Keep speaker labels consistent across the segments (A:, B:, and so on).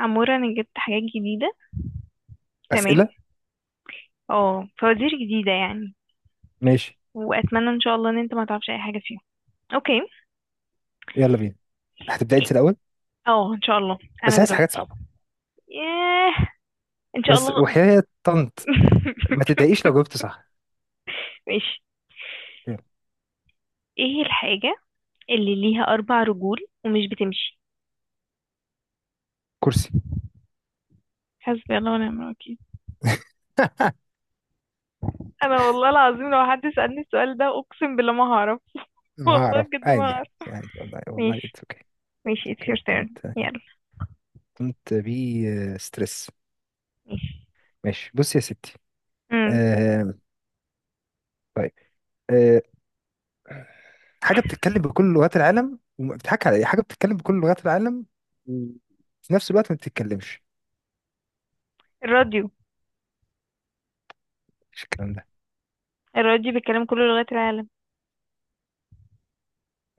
A: عمورة، انا جبت حاجات جديدة. تمام.
B: اسئله.
A: اه فوازير جديدة يعني.
B: ماشي.
A: واتمنى ان شاء الله ان انت ما تعرفش اي حاجة فيهم. اوكي.
B: يلا بينا. هتبداي انت الاول.
A: اه، ان شاء الله.
B: بس
A: انا
B: عايز حاجات
A: دلوقتي.
B: صعبه.
A: ياه. ان شاء
B: بس
A: الله.
B: وحياه طنط. ما تضايقيش لو جاوبت صح.
A: ماشي.
B: يلا.
A: ايه الحاجة اللي ليها 4 رجول ومش بتمشي؟
B: كرسي.
A: حسبي الله ونعم الوكيل. انا والله العظيم لو حد سألني السؤال ده، اقسم بالله ما هعرف.
B: ما
A: والله
B: اعرف،
A: بجد ما
B: عادي
A: هعرف.
B: يعني والله والله
A: ماشي،
B: اتس اوكي. اتس
A: ماشي. it's
B: اوكي،
A: your turn.
B: دونت
A: يلا.
B: دونت بي ستريس.
A: ماشي.
B: ماشي، بص يا ستي.
A: امم
B: آه طيب. آه حاجه بتتكلم بكل لغات العالم بتضحك على ايه. حاجه بتتكلم بكل لغات العالم وفي نفس الوقت ما بتتكلمش.
A: الراديو.
B: مش الكلام ده.
A: الراديو بيتكلم كل لغات العالم.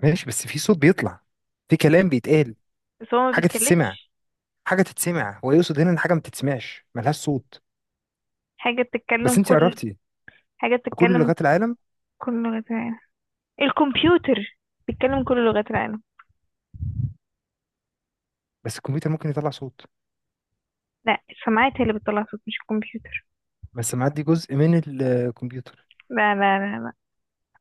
B: ماشي، بس في صوت بيطلع، في كلام بيتقال.
A: بس هو ما
B: حاجه تتسمع.
A: بيتكلمش.
B: حاجه تتسمع، هو يقصد هنا ان حاجه ما بتتسمعش، ملهاش صوت.
A: حاجة بتتكلم
B: بس انت
A: كل
B: قربتي.
A: حاجة
B: كل
A: بتتكلم
B: لغات العالم.
A: كل لغات العالم. الكمبيوتر. بيتكلم كل لغات العالم.
B: بس الكمبيوتر ممكن يطلع صوت.
A: لا، السماعات هي اللي بتطلع صوت، مش الكمبيوتر.
B: بس معدي جزء من الكمبيوتر.
A: لا، لا، لا، لا.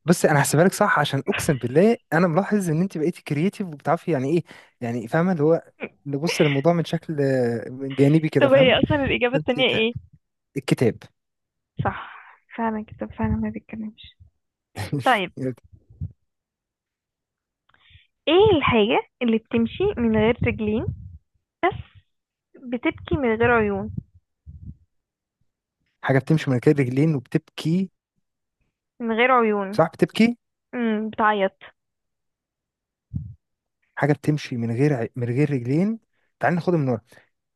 B: بس انا هحسبها لك صح، عشان اقسم بالله انا ملاحظ ان انت بقيتي كرييتيف وبتعرفي يعني ايه، يعني فاهمه اللي هو نبص للموضوع من شكل، من جانبي كده
A: طب
B: فاهمه.
A: هي اصلا الإجابة
B: فانت
A: التانية
B: تع-
A: ايه؟
B: الكتاب.
A: صح. فعلا كده، فعلا ما بيتكلمش. طيب. ايه الحاجة اللي بتمشي من غير رجلين بس بتبكي من غير عيون؟
B: حاجه بتمشي من غير رجلين وبتبكي.
A: من غير عيون.
B: صح بتبكي.
A: بتعيط.
B: حاجه بتمشي من غير رجلين. تعال ناخدها من ورا.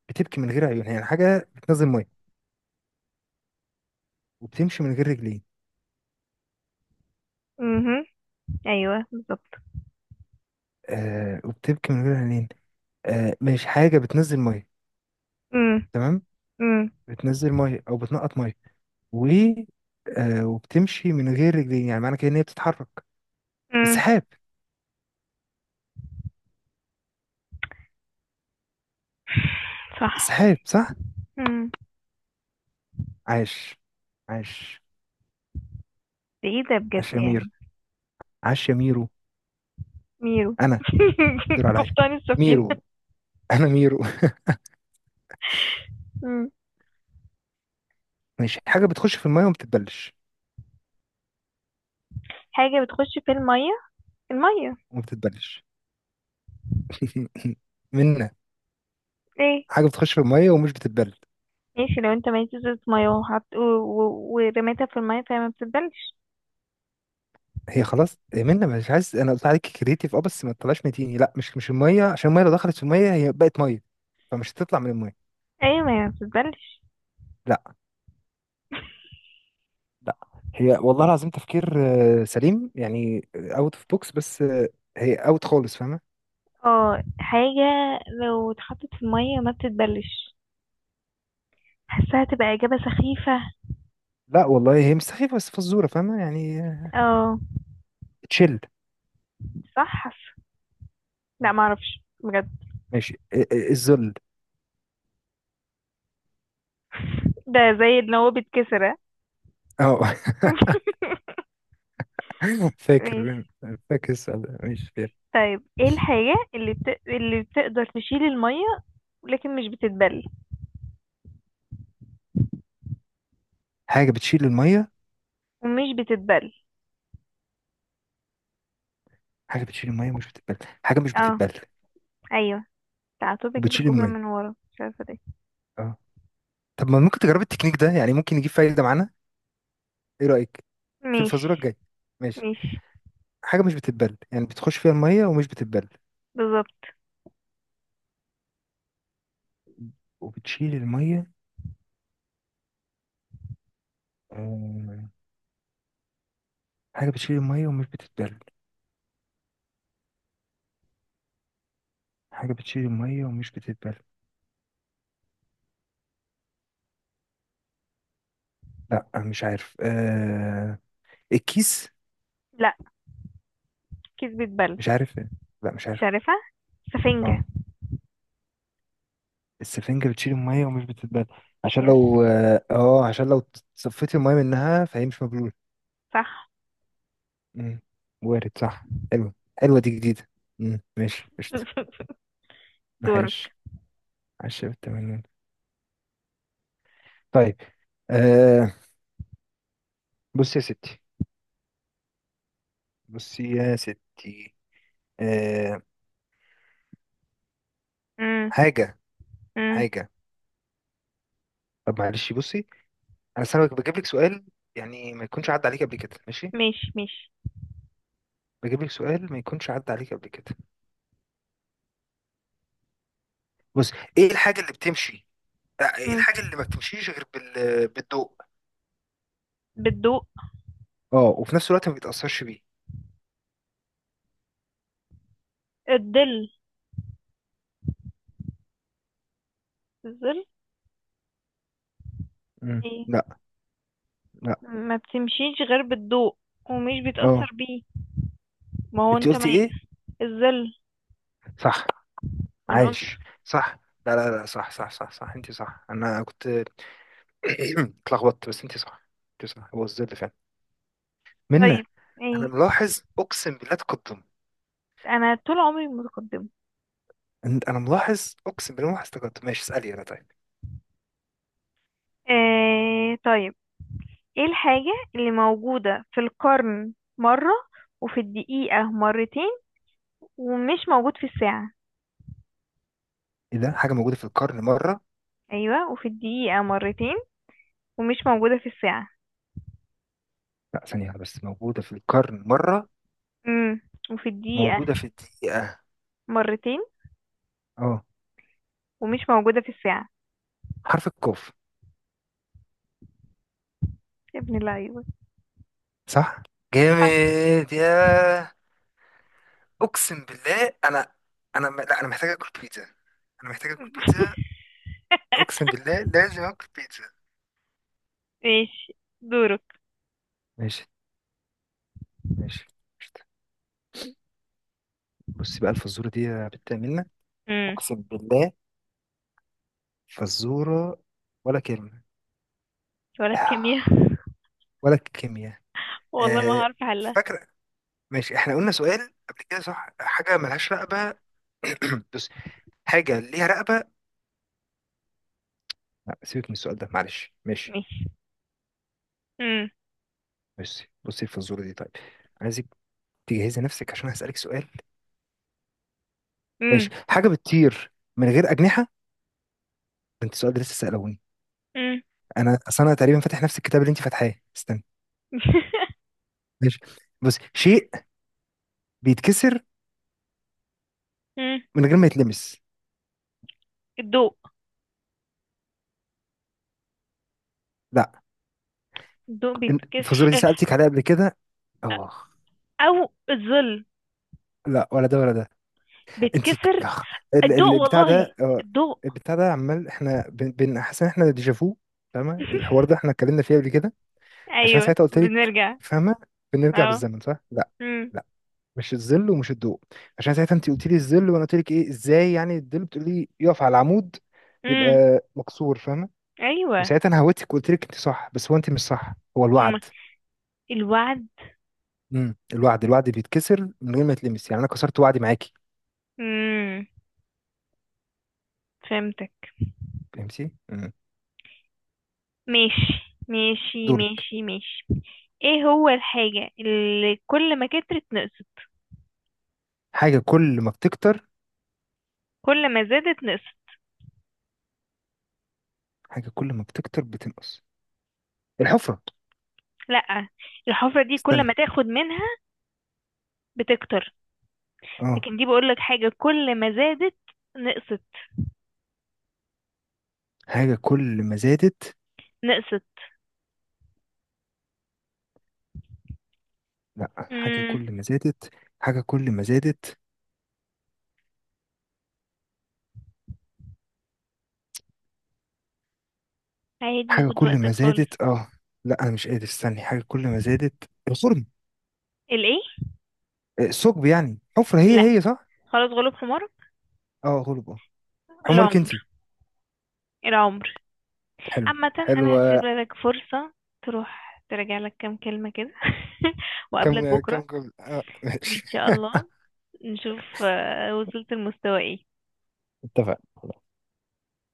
B: بتبكي من غير عيون، يعني حاجه بتنزل ميه وبتمشي من غير رجلين.
A: امم. ايوه بالظبط.
B: وبتبكي من غير عينين. مش حاجة بتنزل مية.
A: امم.
B: تمام.
A: امم.
B: بتنزل مية أو بتنقط مية. و آه وبتمشي من غير رجلين، يعني معنى كده إن هي بتتحرك.
A: امم.
B: السحاب.
A: صح.
B: السحاب صح.
A: امم.
B: عاش، عاش.
A: ده ايه ده بجد
B: عاش يا
A: يعني؟
B: مير عاش يا ميرو.
A: ميرو.
B: أنا الدور عليا
A: قبطان السفينة.
B: ميرو. أنا ميرو.
A: مم.
B: ماشي، حاجة بتخش في المية وما بتتبلش.
A: حاجة بتخش في المية. المية.
B: وما بتتبلش. منا،
A: ايه.
B: حاجة بتخش في المية ومش بتتبلش.
A: ماشي، لو انت معيش ازازة مية وحط ورميتها في المية، فهي ما بتتبلش.
B: هي خلاص منا، مش عايز. انا قلت عليك كريتيف، اه بس ما تطلعش متيني. لا، مش الميه، عشان الميه لو دخلت في الميه هي بقت ميه، فمش هتطلع من الميه.
A: ايوه، ما هي ما بتتبلش.
B: لا، لا. هي والله العظيم تفكير، سليم، يعني اوت اوف بوكس، بس آه، هي اوت خالص فاهمه.
A: اه، حاجة لو اتحطت في المية ما بتتبلش. حاساها تبقى إجابة سخيفة.
B: لا والله هي مش سخيفه، بس فزوره فاهمه يعني.
A: اه
B: تشيل.
A: صح، حاسة. لا، معرفش بجد.
B: ماشي. الذل.
A: ده زي ان هو بيتكسر، ها؟
B: اه.
A: ماشي.
B: فاكر. فاكر السؤال ده، ماشي فاكر.
A: طيب ايه الحاجة اللي اللي بتقدر تشيل المية لكن مش بتتبل؟
B: حاجه بتشيل الميه.
A: ومش بتتبل.
B: حاجه بتشيل الميه مش بتتبل. حاجه مش
A: اه.
B: بتتبل.
A: ايوه. تعاتو بيجيب
B: وبتشيل
A: الجملة
B: الميه
A: من ورا، مش عارفة ده.
B: آه. طب ما ممكن تجرب التكنيك ده، يعني ممكن يجيب فايدة معانا. ايه رأيك في الفازورة
A: مش
B: الجاية؟ ماشي،
A: مش
B: حاجة مش بتتبل يعني بتخش فيها المية ومش بتتبل
A: بالظبط.
B: وبتشيل المية آه، حاجة بتشيل المية ومش بتتبل. حاجة بتشيل المية ومش بتتبل. لا مش عارف. الكيس.
A: لا، كذبة بل.
B: مش عارف. لا مش
A: مش
B: عارف.
A: عارفها. سفنجة.
B: اه، السفنجة بتشيل المية ومش بتتبل.
A: يس.
B: عشان لو صفيت المية منها فهي مش مبلولة.
A: صح.
B: مم. وارد، صح. حلوة، حلوة دي جديدة. مم. ماشي، قشطة.
A: دورك.
B: ماشي. عشرة بالتمانين. طيب. آه بصي يا ستي. بصي يا ستي. آه
A: امم.
B: حاجة.
A: امم.
B: حاجة. طب معلش بصي، أنا أصل أنا بجيب لك سؤال، يعني ما يكونش عدى عليك قبل كده، ماشي.
A: مش.
B: بجيب لك سؤال ما يكونش عدى عليك قبل كده. بص، إيه الحاجة اللي بتمشي؟ إيه
A: امم.
B: الحاجة اللي ما بتمشيش غير بال... بالضوء؟
A: بالضوء.
B: وفي نفس الوقت ما بيتأثرش بيه.
A: الظل. الظل.
B: مم.
A: ايه؟
B: لا. لا.
A: ما بتمشيش غير بالضوء ومش بيتأثر
B: أه.
A: بيه. ما هو
B: أنت
A: انت ما.
B: قلتي إيه؟
A: الظل.
B: صح.
A: ما انا قلت.
B: عايش. صح. لا، لا، لا، صح، صح، صح، صح، أنت صح. أنا كنت اتلخبطت، بس انت صح. انت صح، هو الظل فعلا. منا،
A: طيب.
B: انا
A: ايه.
B: ملاحظ اقسم بالله تقدم.
A: انا طول عمري متقدمة.
B: انا ملاحظ اقسم بالله، ملاحظ تقدم، ماشي اسالي انا، طيب.
A: ايه طيب. ايه الحاجة اللي موجودة في القرن مرة وفي الدقيقة مرتين ومش موجود في الساعة؟
B: ايه ده، حاجه موجوده في القرن مره؟
A: ايوه وفي الدقيقة مرتين ومش موجودة في الساعة.
B: لا ثانيه واحدة، بس موجوده في القرن مره.
A: امم وفي الدقيقة
B: موجوده في الدقيقه.
A: مرتين
B: اه،
A: ومش موجودة في الساعة.
B: حرف القاف.
A: يا ابن اللعيبة.
B: صح
A: صح.
B: جامد يا. اقسم بالله، انا لا انا محتاج اكل بيتزا. انا محتاج اكل بيتزا. اقسم بالله لازم اكل بيتزا.
A: ماشي. دورك.
B: ماشي. ماشي، قشطة. بصي بقى الفزوره دي يا بت منا،
A: امم.
B: اقسم بالله فزورة، ولا كلمة
A: ولا الكيمياء.
B: ولا كيمياء
A: والله ما
B: آه،
A: هعرف احلها.
B: فاكرة، ماشي احنا قلنا سؤال قبل كده، صح؟ حاجة ملهاش رقبة. بص، حاجة ليها رقبة، لا سيبك من السؤال ده معلش، ماشي.
A: ماشي. امم.
B: بصي، بصي الفزورة دي طيب، عايزك تجهزي نفسك عشان هسألك سؤال.
A: امم.
B: ماشي، حاجة بتطير من غير أجنحة. ده انت السؤال ده لسه سألوني،
A: امم.
B: انا اصل انا تقريبا فاتح نفس الكتاب اللي انت فاتحاه، استنى. ماشي، بصي شيء بيتكسر
A: أمم.
B: من غير ما يتلمس.
A: الضوء.
B: لا.
A: الضوء
B: الفزورة دي
A: بيتكسر.
B: سألتك عليها قبل كده، اه.
A: او الظل
B: لا، ولا ده ولا ده. انت ك-
A: بيتكسر.
B: آخ.
A: الضوء
B: البتاع
A: والله.
B: ده.
A: الضوء.
B: البتاع ده عمال، احنا حاسس ان احنا ديجافو. فاهمه الحوار ده احنا اتكلمنا فيه قبل كده. عشان
A: ايوه.
B: ساعتها قلت لك
A: بنرجع.
B: فاهمه بنرجع
A: اه.
B: بالزمن، صح؟ لا.
A: امم.
B: لا، مش الظل ومش الضوء، عشان ساعتها انت قلت لي الظل وانا قلت لك ايه، ازاي يعني الظل بتقول لي يقف على العمود
A: امم.
B: يبقى مكسور فاهمه.
A: ايوه.
B: وساعتها انا هوتك وقلت لك انت صح، بس هو انت مش صح، هو
A: اما
B: الوعد.
A: الوعد.
B: الوعد بيتكسر من غير ما يتلمس، يعني انا كسرت وعدي معاكي.
A: امم. فهمتك.
B: فهمتي.
A: ماشي، ماشي،
B: دورك.
A: ماشي، ماشي. ايه هو الحاجة اللي كل ما كترت نقصت؟
B: حاجة كل ما بتكتر،
A: كل ما زادت نقصت.
B: حاجة كل ما بتكتر بتنقص. الحفرة.
A: لا، الحفرة دي كل ما
B: استنى،
A: تاخد منها بتكتر،
B: اه.
A: لكن دي بقولك حاجة كل ما زادت نقصت.
B: حاجة كل ما زادت.
A: نقصت.
B: لا، حاجة
A: امم.
B: كل ما زادت. حاجة كل ما زادت.
A: عادي،
B: حاجة
A: خد
B: كل
A: وقتك
B: ما
A: خالص.
B: زادت، اه. لا أنا مش قادر استني. حاجة كل ما زادت الخرم
A: الايه؟
B: آه، الثقب يعني حفرة، هي
A: لا،
B: هي صح؟
A: خلاص، غلوب حمار.
B: اه غلب اه. حمارك
A: العمر.
B: انتي.
A: العمر.
B: حلو.
A: عامة انا هسيب
B: حلوة.
A: لك فرصة تروح تراجع لك كام كلمة كده، وقابلك
B: كم كم
A: بكرة.
B: كم اه
A: ان
B: ماشي.
A: شاء الله نشوف وصلت المستوى ايه.
B: اتفقنا.